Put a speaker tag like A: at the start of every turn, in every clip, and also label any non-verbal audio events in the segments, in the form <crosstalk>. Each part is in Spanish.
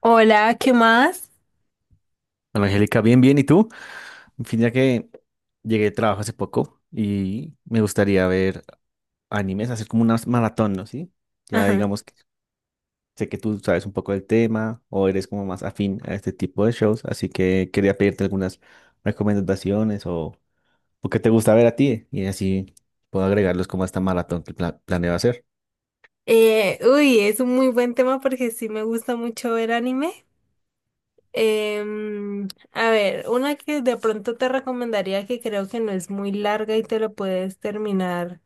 A: Hola, ¿qué más?
B: Hola, Angélica, bien, bien. ¿Y tú? En fin, ya que llegué de trabajo hace poco y me gustaría ver animes, hacer como una maratón, ¿no? ¿Sí? Ya
A: Ajá.
B: digamos que sé que tú sabes un poco del tema o eres como más afín a este tipo de shows, así que quería pedirte algunas recomendaciones o qué te gusta ver a ti y así puedo agregarlos como a esta maratón que planeo hacer.
A: Uy, es un muy buen tema porque sí me gusta mucho ver anime. A ver, una que de pronto te recomendaría que creo que no es muy larga y te lo puedes terminar.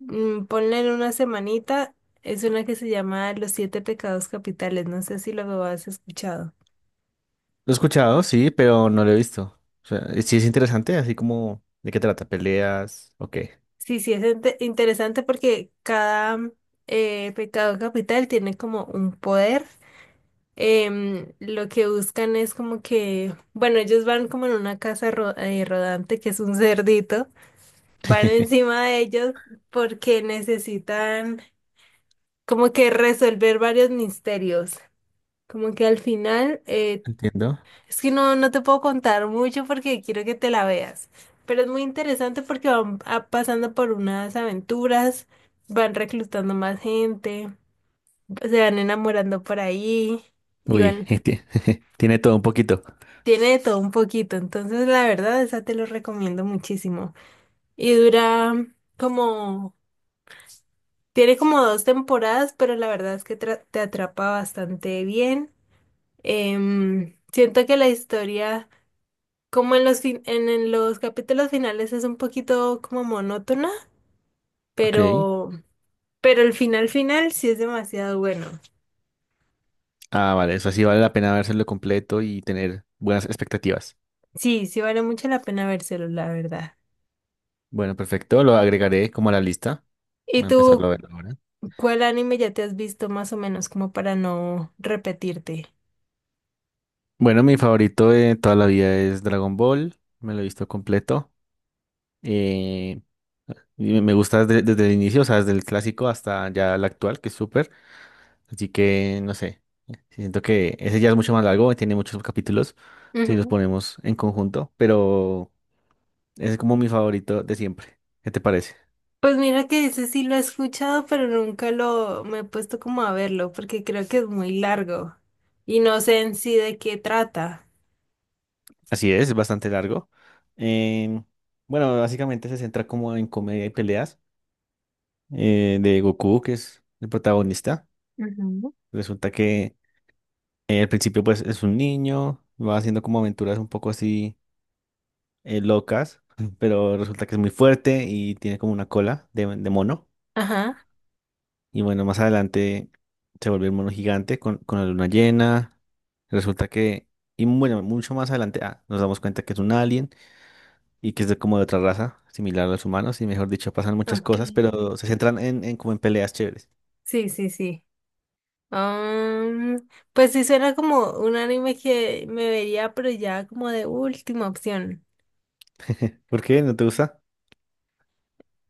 A: Ponle en una semanita. Es una que se llama Los Siete Pecados Capitales. No sé si lo has escuchado.
B: Lo he escuchado, sí, pero no lo he visto. O sea, sí es interesante, así como de qué trata, peleas, ok.
A: Sí, sí, es interesante porque cada pecado capital tiene como un poder. Lo que buscan es como que, bueno, ellos van como en una casa rodante que es un cerdito, van
B: <laughs>
A: encima de ellos porque necesitan como que resolver varios misterios, como que al final,
B: Entiendo.
A: es que no, no te puedo contar mucho porque quiero que te la veas, pero es muy interesante porque van pasando por unas aventuras, van reclutando más gente, se van enamorando por ahí. Y
B: Uy,
A: van
B: <laughs> tie- <laughs> tiene todo un poquito.
A: Tiene de todo un poquito, entonces la verdad esa te lo recomiendo muchísimo. Y dura como, tiene como dos temporadas, pero la verdad es que te atrapa bastante bien. Siento que la historia, como en los en los capítulos finales es un poquito como monótona,
B: Ok.
A: pero, pero el final final sí es demasiado bueno.
B: Ah, vale, eso sí vale la pena vérselo completo y tener buenas expectativas.
A: Sí, sí vale mucho la pena vérselo, la verdad.
B: Bueno, perfecto, lo agregaré como a la lista.
A: ¿Y
B: Voy a empezarlo
A: tú
B: a ver ahora.
A: cuál anime ya te has visto más o menos como para no repetirte?
B: Bueno, mi favorito de toda la vida es Dragon Ball. Me lo he visto completo. Eh, y me gusta desde el inicio, o sea, desde el clásico hasta ya el actual, que es súper. Así que, no sé, siento que ese ya es mucho más largo, tiene muchos capítulos si los
A: Ujú.
B: ponemos en conjunto, pero... Es como mi favorito de siempre. ¿Qué te parece?
A: Pues mira que ese sí lo he escuchado, pero nunca lo me he puesto como a verlo, porque creo que es muy largo y no sé en sí de qué trata.
B: Así es bastante largo. Em, bueno, básicamente se centra como en comedia y peleas de Goku, que es el protagonista.
A: Ujú.
B: Resulta que al principio pues es un niño, va haciendo como aventuras un poco así locas, <laughs> pero resulta que es muy fuerte y tiene como una cola de mono.
A: Ajá,
B: Y bueno, más adelante se vuelve un mono gigante con la luna llena. Resulta que, y bueno, mucho más adelante nos damos cuenta que es un alien. Y que es de, como de otra raza, similar a los humanos, y mejor dicho, pasan muchas cosas,
A: okay.
B: pero se centran en como en peleas chéveres.
A: Sí, sí, sí. Am, pues sí suena como un anime que me vería, pero ya como de última opción.
B: <laughs> ¿Por qué? ¿No te gusta?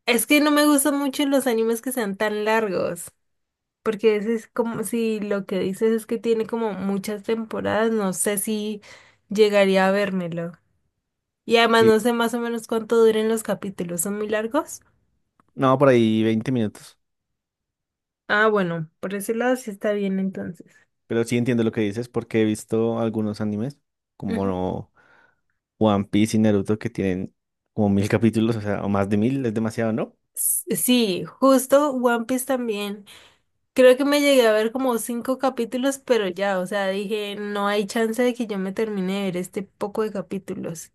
A: Es que no me gustan mucho los animes que sean tan largos, porque ese es como si lo que dices es que tiene como muchas temporadas, no sé si llegaría a vérmelo. Y además
B: Sí,
A: no sé más o menos cuánto duren los capítulos, ¿son muy largos?
B: no, por ahí 20 minutos,
A: Ah, bueno, por ese lado sí está bien entonces.
B: pero sí entiendo lo que dices porque he visto algunos animes, como
A: Ujú.
B: One Piece y Naruto, que tienen como 1.000 capítulos, o sea, o más de 1.000, es demasiado, ¿no?
A: Sí, justo One Piece también. Creo que me llegué a ver como cinco capítulos, pero ya, o sea, dije, no hay chance de que yo me termine de ver este poco de capítulos.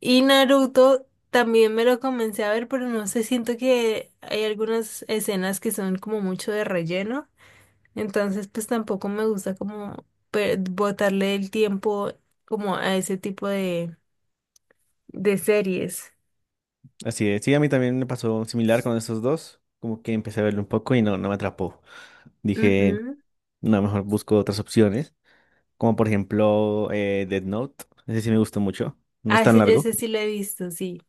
A: Y Naruto también me lo comencé a ver, pero no sé, siento que hay algunas escenas que son como mucho de relleno. Entonces, pues tampoco me gusta como botarle el tiempo como a ese tipo de series.
B: Así es, sí, a mí también me pasó similar con esos dos, como que empecé a verlo un poco y no, no me atrapó. Dije,
A: Ujú.
B: no, mejor busco otras opciones. Como por ejemplo Death Note. Ese sí me gustó mucho. No es
A: Ah,
B: tan
A: ese,
B: largo.
A: ese sí lo he visto, sí.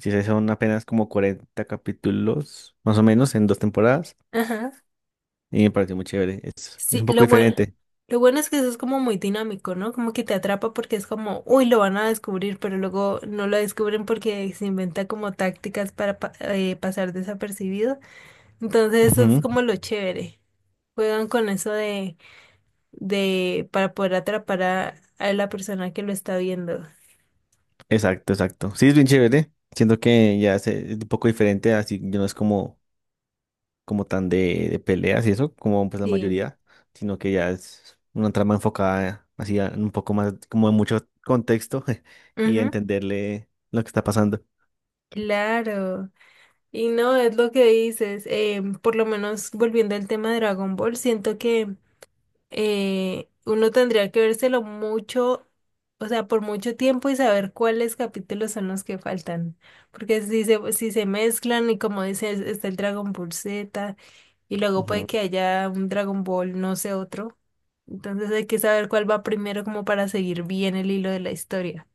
B: Sí, sí, son apenas como 40 capítulos, más o menos, en dos temporadas.
A: Ajá.
B: Y me pareció muy chévere. Es
A: Sí,
B: un poco
A: lo bueno,
B: diferente.
A: lo bueno es que eso es como muy dinámico, ¿no? Como que te atrapa porque es como, uy, lo van a descubrir, pero luego no lo descubren porque se inventa como tácticas para pasar desapercibido. Entonces, eso es
B: Ujú,
A: como lo chévere. Juegan con eso de, para poder atrapar a la persona que lo está viendo.
B: exacto, exacto. Sí, es bien chévere. Siento que ya es un poco diferente, así ya no es como, como tan de peleas y eso, como pues la
A: Sí.
B: mayoría, sino que ya es una trama enfocada así un poco más, como en mucho contexto <laughs> y a
A: Ujú.
B: entenderle lo que está pasando.
A: Claro, y no, es lo que dices, por lo menos volviendo al tema de Dragon Ball, siento que uno tendría que vérselo mucho, o sea, por mucho tiempo y saber cuáles capítulos son los que faltan, porque si se mezclan y como dices, está el Dragon Ball Z y luego puede que haya un Dragon Ball, no sé, otro. Entonces hay que saber cuál va primero como para seguir bien el hilo de la historia.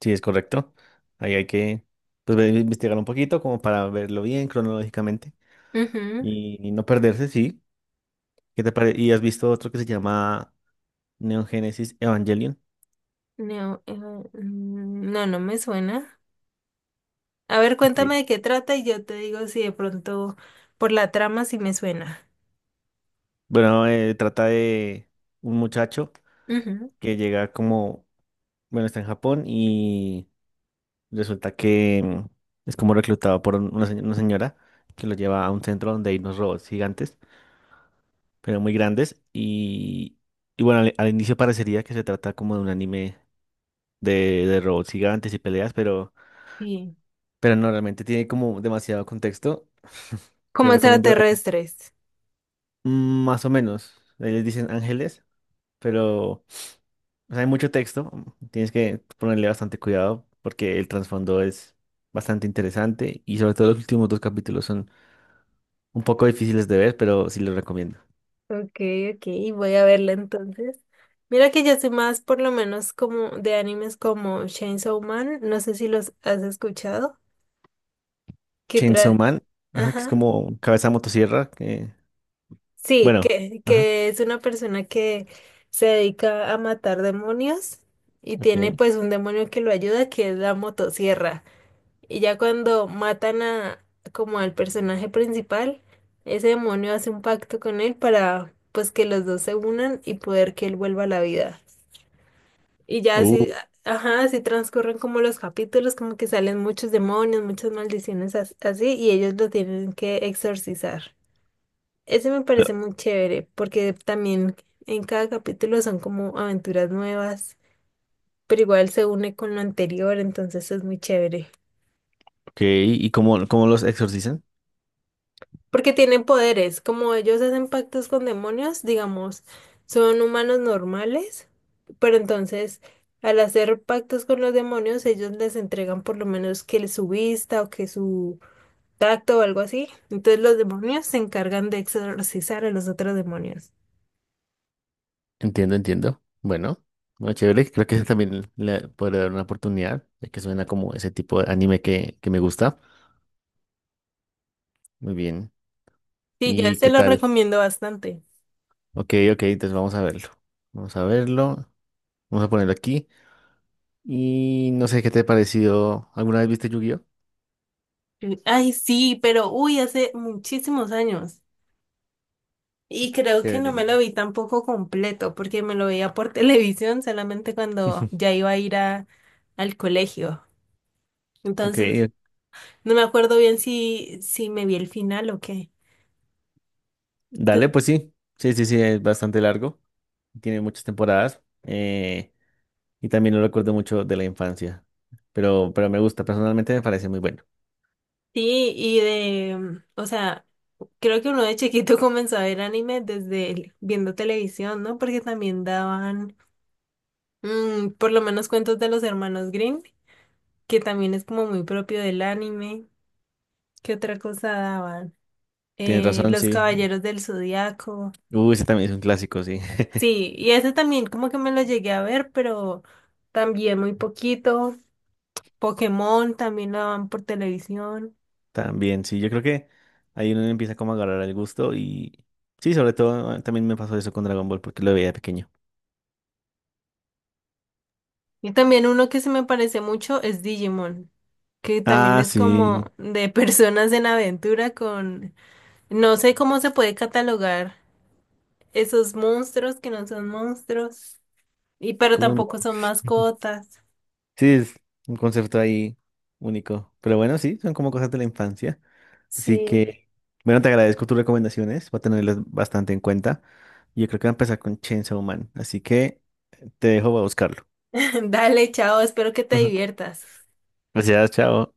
B: Sí, es correcto. Ahí hay que pues, investigar un poquito como para verlo bien cronológicamente
A: Ujú.
B: y no perderse, sí. ¿Y has visto otro que se llama Neon Genesis Evangelion?
A: No, no, no me suena. A ver,
B: Sí.
A: cuéntame de qué trata y yo te digo si de pronto por la trama sí me suena.
B: Bueno, trata de un muchacho
A: Ujú.
B: que llega como, bueno, está en Japón y resulta que es como reclutado por una señora que lo lleva a un centro donde hay unos robots gigantes, pero muy grandes y bueno, al inicio parecería que se trata como de un anime de robots gigantes y peleas, pero,
A: Sí.
B: pero no, realmente tiene como demasiado contexto. Te
A: Como
B: recomiendo ver.
A: extraterrestres.
B: Más o menos. Ellos dicen ángeles, pero o sea, hay mucho texto. Tienes que ponerle bastante cuidado porque el trasfondo es bastante interesante y sobre todo los últimos dos capítulos son un poco difíciles de ver, pero sí los recomiendo.
A: Ok, ok, voy a verla entonces. Mira que yo soy más por lo menos como de animes como Chainsaw Man, no sé si los has escuchado, que
B: Chainsaw
A: tra-
B: Man, ajá, que es
A: Ajá.
B: como cabeza de motosierra, que
A: Sí,
B: bueno,
A: que,
B: ajá,
A: que es una persona que se dedica a matar demonios y tiene
B: ok.
A: pues un demonio que lo ayuda, que es la motosierra. Y ya cuando matan a como al personaje principal, ese demonio hace un pacto con él para pues que los dos se unan y poder que él vuelva a la vida. Y ya
B: Uh,
A: así, ajá, así transcurren como los capítulos, como que salen muchos demonios, muchas maldiciones así, y ellos lo tienen que exorcizar. Ese me parece muy chévere porque también en cada capítulo son como aventuras nuevas, pero igual se une con lo anterior, entonces es muy chévere.
B: ok, ¿y cómo los exorcizan?
A: Porque tienen poderes, como ellos hacen pactos con demonios, digamos, son humanos normales, pero entonces al hacer pactos con los demonios, ellos les entregan por lo menos que su vista o que su tacto o algo así. Entonces los demonios se encargan de exorcizar a los otros demonios.
B: Entiendo, entiendo. Bueno, bueno, chévere. Creo que <laughs> ese también le podré dar una oportunidad, ya que suena como ese tipo de anime que me gusta. Muy bien.
A: Sí, yo
B: ¿Y
A: se
B: qué
A: lo
B: tal?
A: recomiendo bastante.
B: Ok, ok, entonces vamos a verlo. Vamos a verlo. Vamos a ponerlo aquí. Y no sé qué te ha parecido. ¿Alguna vez viste Yu-Gi-Oh?
A: Ay, sí, pero uy, hace muchísimos años. Y creo que no me
B: Chévere.
A: lo vi tampoco completo, porque me lo veía por <laughs> televisión solamente cuando ya
B: <laughs>
A: iba a ir al colegio.
B: Ok,
A: Entonces, no me acuerdo bien si me vi el final o qué.
B: dale,
A: Tu-
B: pues sí. Sí, sí, sí, es bastante largo. Tiene muchas temporadas. Eh, y también lo recuerdo mucho de la infancia. Pero me gusta, personalmente me parece muy bueno.
A: Sí, o sea, creo que uno de chiquito <laughs> comenzó a ver anime desde viendo televisión, ¿no? Porque también daban, por lo menos cuentos de los hermanos Green, que también es como muy propio del anime. ¿Qué otra cosa daban?
B: Tienes razón,
A: Los
B: sí.
A: Caballeros del Zodiaco.
B: Uy, ese también es un clásico, sí. <laughs>
A: Sí, y ese también como que me lo llegué a ver, pero también muy poquito. Pokémon también lo daban por televisión.
B: También, sí. Yo creo que ahí uno empieza como a agarrar el gusto y... Sí, sobre todo también me pasó eso con Dragon Ball porque lo veía de pequeño.
A: Y también uno que se me parece mucho es Digimon, que también
B: Ah,
A: es
B: sí.
A: como de <laughs> personas en aventura con... No sé cómo se puede catalogar esos monstruos que no son monstruos, y pero
B: Como un-
A: tampoco son
B: <laughs>
A: mascotas.
B: Sí, es un concepto ahí único. Pero bueno, sí, son como cosas de la infancia. Así
A: Sí.
B: que, bueno, te agradezco tus recomendaciones. Voy a tenerlas bastante en cuenta. Yo creo que voy a empezar con Chainsaw Man. Así que te dejo, voy a buscarlo.
A: <laughs> Dale, chao, espero que te
B: <laughs>
A: diviertas.
B: Gracias, chao.